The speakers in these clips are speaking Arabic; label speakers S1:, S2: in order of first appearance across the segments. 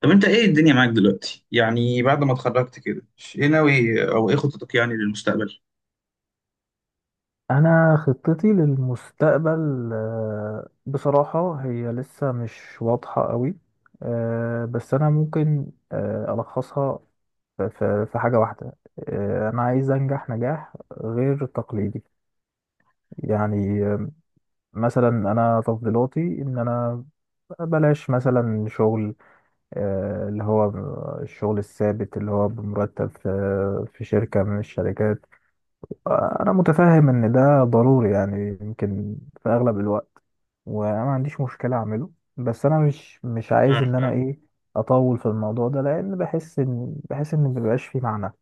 S1: طب انت ايه الدنيا معاك دلوقتي، يعني بعد ما اتخرجت كده؟ ايه ناوي او ايه خطتك يعني للمستقبل؟
S2: انا خطتي للمستقبل بصراحة هي لسه مش واضحة قوي. بس انا ممكن الخصها في حاجة واحدة. انا عايز انجح نجاح غير تقليدي، يعني مثلا انا تفضيلاتي ان انا بلاش مثلا شغل اللي هو الشغل الثابت اللي هو بمرتب في شركة من الشركات. انا متفاهم ان ده ضروري، يعني يمكن في اغلب الوقت، وانا ما عنديش مشكله اعمله. بس انا مش عايز
S1: اه،
S2: ان انا
S1: فاهم.
S2: ايه اطول في الموضوع ده، لان بحس ان مبيبقاش فيه معنى.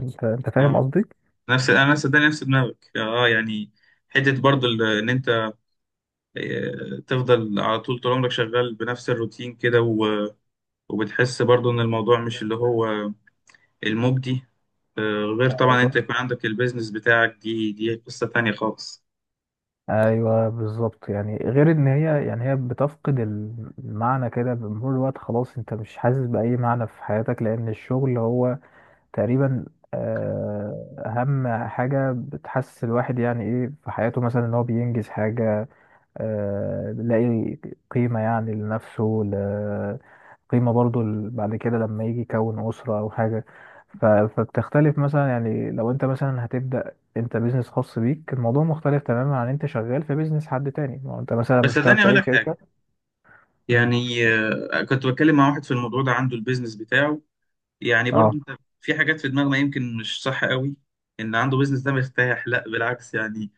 S2: انت فاهم
S1: اه،
S2: قصدي؟
S1: نفس، انا صدقني نفس دماغك، اه يعني حته برضو ان انت تفضل على طول طول عمرك شغال بنفس الروتين كده وبتحس برضو ان الموضوع مش اللي هو المجدي. غير طبعا
S2: ايوه،
S1: انت يكون عندك البيزنس بتاعك، دي قصه تانية خالص.
S2: ايوه، بالظبط، يعني غير ان هي، يعني هي بتفقد المعنى كده بمرور الوقت، خلاص انت مش حاسس باي معنى في حياتك، لان الشغل هو تقريبا اهم حاجه بتحسس الواحد يعني ايه في حياته، مثلا ان هو بينجز حاجه، بيلاقي قيمة يعني لنفسه، قيمة برضو بعد كده لما يجي يكون أسرة أو حاجة. فبتختلف مثلا، يعني لو أنت مثلا هتبدأ أنت بيزنس خاص بيك الموضوع مختلف تماما عن أنت شغال في بيزنس حد تاني، ما هو أنت مثلا
S1: بس
S2: مش شغال
S1: صدقني
S2: في
S1: اقول
S2: أي
S1: لك حاجه،
S2: شركة. مم.
S1: يعني كنت بتكلم مع واحد في الموضوع ده عنده البيزنس بتاعه. يعني برضو
S2: أه.
S1: انت في حاجات في دماغنا يمكن مش صح قوي، ان عنده بيزنس ده مرتاح، لا بالعكس يعني.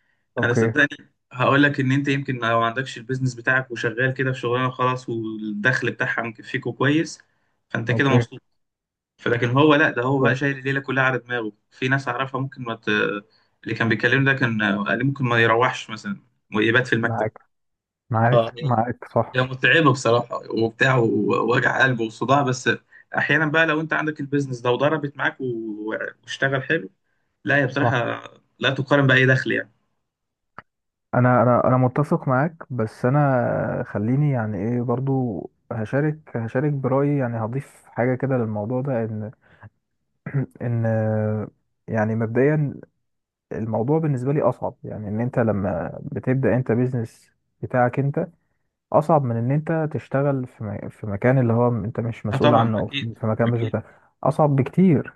S1: انا
S2: أوكي.
S1: صدقني هقول لك ان انت يمكن لو ما عندكش البيزنس بتاعك وشغال كده في شغلانه وخلاص والدخل بتاعها مكفيكوا كويس، فانت كده
S2: أوكي.
S1: مبسوط. فلكن هو لا، ده هو بقى
S2: أوكي.
S1: شايل الليله كلها على دماغه، في ناس اعرفها ممكن ما ت. اللي كان بيكلمني ده كان قال لي ممكن ما يروحش مثلا ويبات في المكتب.
S2: معاك.
S1: اه،
S2: معاك. معاك صح.
S1: هي متعبة بصراحة وبتاع ووجع قلب وصداع. بس أحيانا بقى لو أنت عندك البيزنس ده وضربت معاك واشتغل حلو، لا هي
S2: صح.
S1: بصراحة لا تقارن بأي دخل يعني.
S2: أنا متفق معاك، بس أنا خليني يعني إيه برضو هشارك برأيي، يعني هضيف حاجة كده للموضوع ده إن ان يعني مبدئيا الموضوع بالنسبه لي اصعب، يعني ان انت لما بتبدا انت بيزنس بتاعك انت، اصعب من ان انت تشتغل في في مكان اللي هو انت مش
S1: أه
S2: مسؤول عنه،
S1: طبعا،
S2: او
S1: أكيد،
S2: في مكان مش
S1: أكيد.
S2: بتاعك، اصعب بكتير.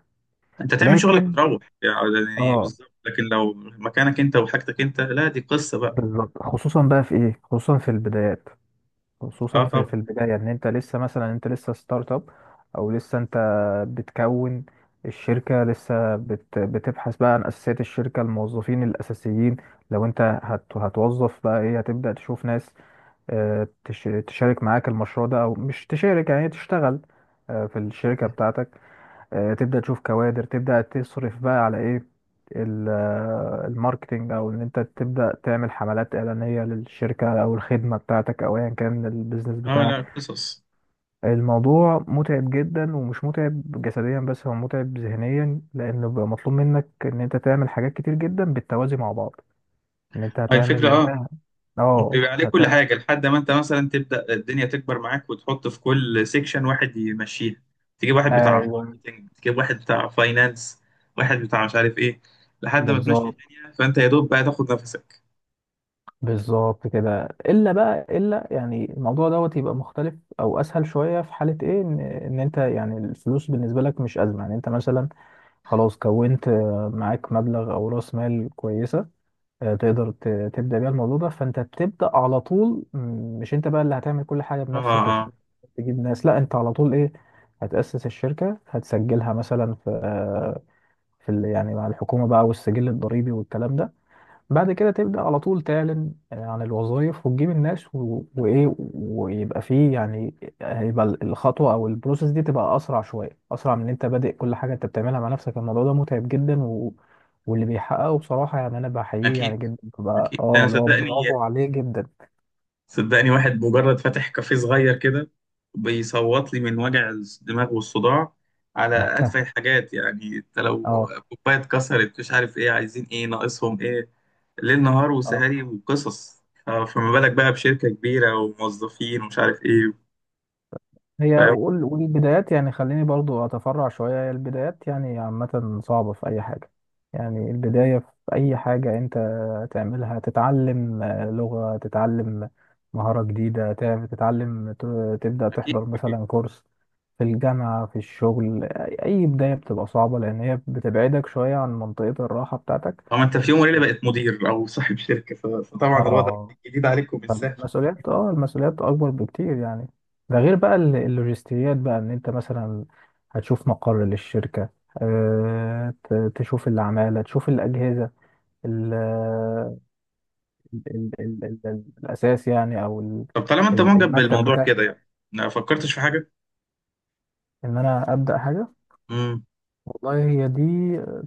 S1: أنت تعمل شغلك
S2: لكن
S1: وتروح يعني
S2: اه،
S1: بالظبط، لكن لو مكانك أنت وحاجتك أنت، لا دي قصة بقى.
S2: بالظبط خصوصا بقى في ايه، خصوصا في البدايات، خصوصا
S1: أه
S2: في
S1: طبعا.
S2: في البداية ان انت لسه مثلا انت لسه ستارت اب، او لسه انت بتكون الشركة لسه بتبحث بقى عن اساسيات الشركة، الموظفين الاساسيين. لو انت هتوظف بقى ايه هتبدأ تشوف ناس تشارك معاك المشروع ده او مش تشارك، يعني تشتغل في الشركة بتاعتك. تبدأ تشوف كوادر، تبدأ تصرف بقى على ايه الماركتينج، او ان انت تبدأ تعمل حملات إعلانية للشركة او الخدمة بتاعتك او ايا كان البيزنس
S1: أه،
S2: بتاعك.
S1: لا قصص.
S2: الموضوع متعب جدا، ومش متعب جسديا بس هو متعب ذهنيا، لان بيبقى مطلوب منك ان انت تعمل حاجات كتير جدا بالتوازي مع بعض، ان انت
S1: هاي الفكرة،
S2: هتعمل
S1: أه.
S2: ده، اه
S1: بيبقى عليه كل
S2: هتعمل.
S1: حاجة لحد ما انت مثلا تبدأ الدنيا تكبر معاك وتحط في كل سيكشن واحد يمشيها. تجيب واحد بتاع
S2: ايوه.
S1: ماركتنج، تجيب واحد بتاع فاينانس، واحد بتاع مش عارف ايه، لحد ما تمشي
S2: بالظبط،
S1: الدنيا فانت يا دوب بقى تاخد نفسك.
S2: بالظبط كده، الا بقى يعني الموضوع دوت يبقى مختلف او اسهل شويه في حاله ايه، ان انت يعني الفلوس بالنسبه لك مش ازمه، يعني انت مثلا خلاص كونت معاك مبلغ او راس مال كويسه، تقدر تبدا بيها الموضوع ده، فانت بتبدا على طول. مش انت بقى اللي هتعمل كل حاجه
S1: اه، اه،
S2: بنفسك لحد
S1: آه.
S2: ما تجيب ناس، لا انت على طول ايه هتاسس الشركه، هتسجلها مثلا في في يعني مع الحكومه بقى والسجل الضريبي والكلام ده. بعد كده تبدأ على طول تعلن عن الوظائف وتجيب الناس وإيه، ويبقى فيه يعني هيبقى الخطوة أو البروسيس دي تبقى أسرع شوية، أسرع من إن أنت بادئ كل حاجة أنت بتعملها مع نفسك. الموضوع ده متعب جدا واللي بيحققه بصراحة يعني أنا بحييه
S1: اكيد،
S2: يعني جدا، ببقى
S1: اكيد.
S2: أه
S1: انا
S2: اللي هو
S1: صدقني،
S2: برافو عليه جدا.
S1: صدقني. واحد مجرد فاتح كافيه صغير كده بيصوت لي من وجع الدماغ والصداع على أتفه الحاجات، يعني انت لو
S2: أه.
S1: كوباية اتكسرت، مش عارف ايه، عايزين ايه، ناقصهم ايه، ليل نهار
S2: أه.
S1: وسهري وقصص، فما بالك بقى بشركة كبيرة وموظفين ومش عارف ايه.
S2: هي
S1: فاهم.
S2: والبدايات يعني، خليني برضو أتفرع شوية، هي البدايات يعني عامة صعبة في أي حاجة، يعني البداية في أي حاجة أنت تعملها، تتعلم لغة، تتعلم مهارة جديدة، تتعلم تبدأ
S1: أكيد،
S2: تحضر
S1: أكيد.
S2: مثلا كورس في الجامعة، في الشغل. أي بداية بتبقى صعبة، لأن هي بتبعدك شوية عن منطقة الراحة بتاعتك.
S1: طبعا انت في يوم وليلة بقيت مدير أو صاحب شركة، فطبعا الوضع
S2: اه
S1: جديد عليكم، مش سهل.
S2: المسؤوليات اكبر بكتير يعني، ده غير بقى اللوجستيات بقى ان انت مثلا هتشوف مقر للشركة، تشوف العمالة، تشوف الأجهزة، ال ال ال ال ال الأساس يعني، أو
S1: طب طالما انت معجب
S2: المكتب
S1: بالموضوع
S2: بتاعي،
S1: كده يعني، ما فكرتش في حاجة؟
S2: إن أنا أبدأ حاجة.
S1: مم.
S2: والله هي دي،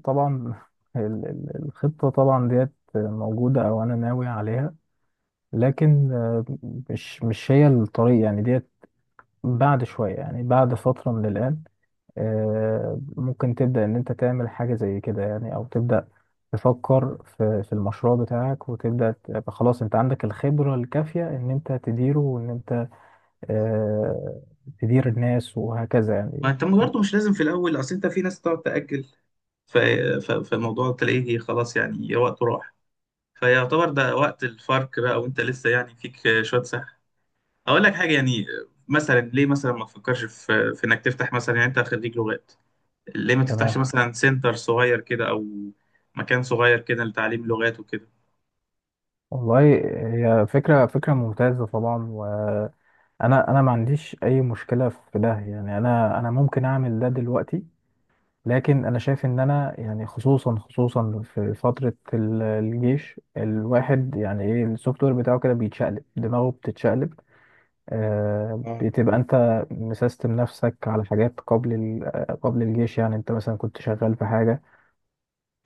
S2: طبعا الخطة طبعا ديت موجودة أو أنا ناوي عليها، لكن مش هي الطريق يعني ديت، بعد شوية يعني، بعد فترة من الآن ممكن تبدأ إن أنت تعمل حاجة زي كده يعني، أو تبدأ تفكر في المشروع بتاعك، وتبدأ تبقى خلاص أنت عندك الخبرة الكافية إن أنت تديره، وإن أنت آه، تدير الناس وهكذا
S1: ما
S2: يعني.
S1: انت برضه مش لازم في الاول، اصل انت في ناس تقعد تاجل، ف- فالموضوع تلاقيه خلاص يعني وقته راح. فيعتبر ده وقت الفرق بقى، وانت لسه يعني فيك شويه سحر. اقول لك حاجه يعني، مثلا ليه مثلا ما تفكرش في انك تفتح مثلا، يعني انت خريج لغات، ليه ما تفتحش
S2: تمام.
S1: مثلا سنتر صغير كده او مكان صغير كده لتعليم لغات وكده.
S2: والله هي فكرة، فكرة ممتازة طبعا، وأنا ما عنديش أي مشكلة في ده يعني، أنا ممكن أعمل ده دلوقتي، لكن انا شايف ان انا يعني خصوصا في فتره الجيش الواحد يعني ايه، السوفت وير بتاعه كده بيتشقلب، دماغه بتتشقلب، آه
S1: اه،
S2: بتبقى انت مسيستم نفسك على حاجات قبل قبل الجيش. يعني انت مثلا كنت شغال في حاجه،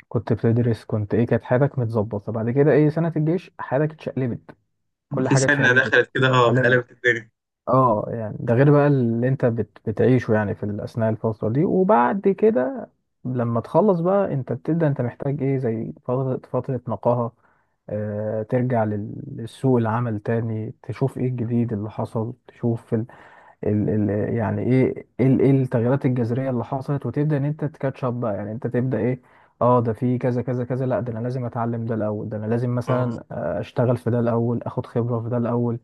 S2: كنت بتدرس، كنت ايه، كانت حياتك متظبطه، بعد كده ايه سنه الجيش حياتك اتشقلبت، كل
S1: في
S2: حاجه
S1: سنه
S2: اتشقلبت
S1: دخلت كده، اه،
S2: فعليا.
S1: قلبت الدنيا.
S2: اه، يعني ده غير بقى اللي انت بتعيشه يعني في اثناء الفتره دي، وبعد كده لما تخلص بقى انت بتبدا، انت محتاج ايه، زي فتره نقاهه، آه ترجع للسوق العمل تاني، تشوف ايه الجديد اللي حصل، تشوف ال ال ال يعني ايه ايه إيه التغييرات الجذريه اللي حصلت، وتبدا ان انت تكاتشب بقى، يعني انت تبدا ايه، اه ده في كذا كذا كذا، لا ده انا لازم اتعلم ده الاول، ده انا لازم
S1: اه،
S2: مثلا اشتغل في ده الاول، اخد خبره في ده الاول.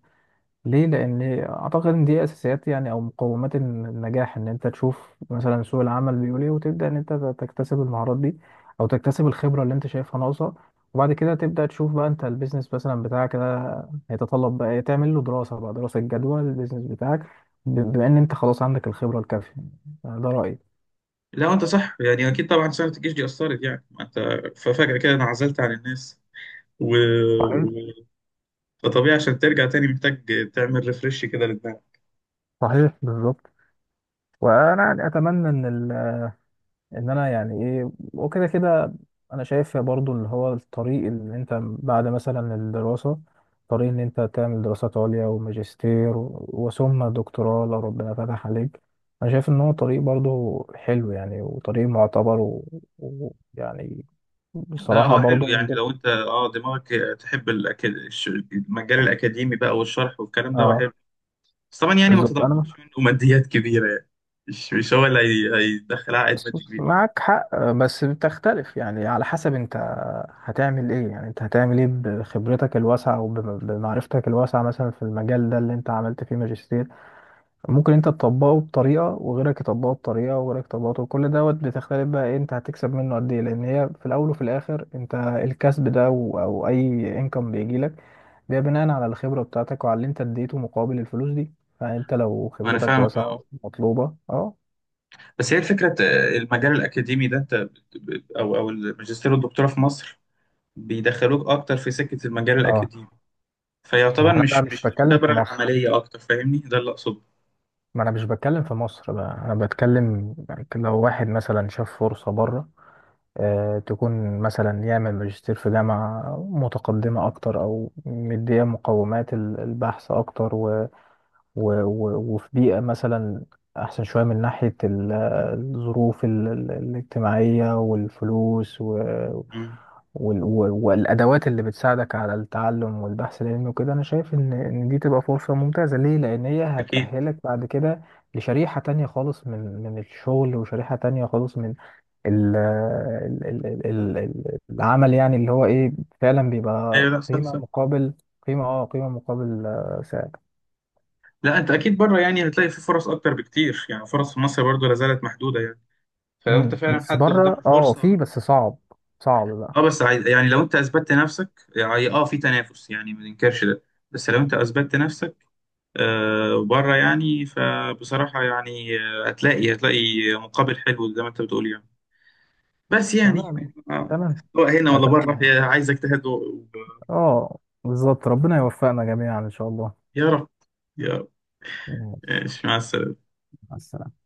S2: ليه؟ لان اعتقد ان دي اساسيات يعني، او مقومات النجاح، ان انت تشوف مثلا سوق العمل بيقول ايه، وتبدا ان انت تكتسب المهارات دي، او تكتسب الخبره اللي انت شايفها ناقصه. وبعد كده تبدا تشوف بقى انت البيزنس مثلا بتاعك ده هيتطلب بقى إيه، تعمل له دراسه بقى، دراسه جدوى للبيزنس بتاعك، بما ان انت خلاص عندك الخبره الكافيه، ده رايي.
S1: لا انت صح يعني، اكيد طبعا سنه الجيش دي اثرت، يعني ما انت ففجاه كده انعزلت عن الناس و.
S2: صحيح.
S1: فطبيعي عشان ترجع تاني محتاج تعمل ريفرش كده لدماغك.
S2: صحيح بالظبط. وانا يعني اتمنى ان انا يعني ايه، وكده كده انا شايف برضو اللي هو الطريق، اللي انت بعد مثلا الدراسة طريق ان انت تعمل دراسات عليا، وماجستير وثم دكتوراه لو ربنا فتح عليك، انا شايف ان هو طريق برضو حلو يعني، وطريق معتبر، ويعني يعني
S1: لا
S2: بصراحة
S1: هو حلو
S2: برضو من
S1: يعني،
S2: ضمن.
S1: لو انت دماغك تحب المجال الاكاديمي بقى والشرح والكلام ده، هو
S2: اه
S1: حلو. بس طبعا يعني ما
S2: بالظبط، انا
S1: تتوقعش منه ماديات كبيره يعني، مش هو اللي هيدخل عائد مادي
S2: بص،
S1: كبير.
S2: معك حق، بس بتختلف يعني على حسب انت هتعمل ايه، يعني انت هتعمل ايه بخبرتك الواسعة وبمعرفتك الواسعة مثلا في المجال ده اللي انت عملت فيه ماجستير، ممكن انت تطبقه بطريقة، وغيرك يطبقه بطريقة، وغيرك يطبقه، كل دوت بتختلف بقى ايه انت هتكسب منه قد ايه، لان هي في الاول وفي الاخر انت الكسب ده او اي انكم بيجيلك ده بناء على الخبرة بتاعتك وعلى اللي انت اديته مقابل الفلوس دي، فانت لو
S1: انا
S2: خبرتك
S1: فاهمك،
S2: واسعة
S1: اه.
S2: ومطلوبة اه.
S1: بس هي الفكره، المجال الاكاديمي ده انت او الماجستير والدكتوراه في مصر بيدخلوك اكتر في سكه المجال
S2: اه،
S1: الاكاديمي،
S2: ما هو
S1: فيعتبر
S2: انا بقى
S1: مش
S2: مش
S1: مش
S2: بتكلم في
S1: الخبره
S2: مصر،
S1: العمليه اكتر، فاهمني ده اللي اقصده.
S2: ما انا مش بتكلم في مصر بقى، انا بتكلم يعني لو واحد مثلا شاف فرصة بره آه، تكون مثلا يعمل ماجستير في جامعة متقدمة اكتر، او مدية مقومات البحث اكتر و و و وفي بيئة مثلا احسن شوية من ناحية الظروف الاجتماعية والفلوس
S1: مم.
S2: والادوات اللي بتساعدك على التعلم والبحث العلمي وكده. انا شايف ان دي تبقى فرصه ممتازه، ليه، لان هي
S1: اكيد.
S2: هتأهلك بعد كده لشريحه تانية خالص من الشغل، وشريحه تانية خالص من العمل، يعني اللي هو ايه، فعلا بيبقى
S1: ايوه، لا صح،
S2: قيمه
S1: صح.
S2: مقابل قيمه، اه قيمه مقابل سعر.
S1: لا انت اكيد بره يعني هتلاقي في فرص اكتر بكتير، يعني فرص في مصر برضو لا زالت محدوده يعني. فلو انت فعلا
S2: بس
S1: حد
S2: بره
S1: قدامه
S2: اه، في،
S1: فرصه،
S2: بس صعب، صعب بقى.
S1: اه. بس عايز يعني، لو انت اثبتت نفسك يعني، اه، في تنافس يعني ما ننكرش ده. بس لو انت اثبتت نفسك بره يعني، فبصراحه يعني هتلاقي مقابل حلو زي ما انت بتقول، يعني بس يعني.
S2: تمام.
S1: آه.
S2: تمام.
S1: سواء هنا ولا بره،
S2: اتمنى.
S1: هي عايزك تهدوا.
S2: اه بالظبط، ربنا يوفقنا جميعا ان شاء الله.
S1: يا رب، يا رب.
S2: ماشي،
S1: ماشي، مع السلامه.
S2: مع السلامة.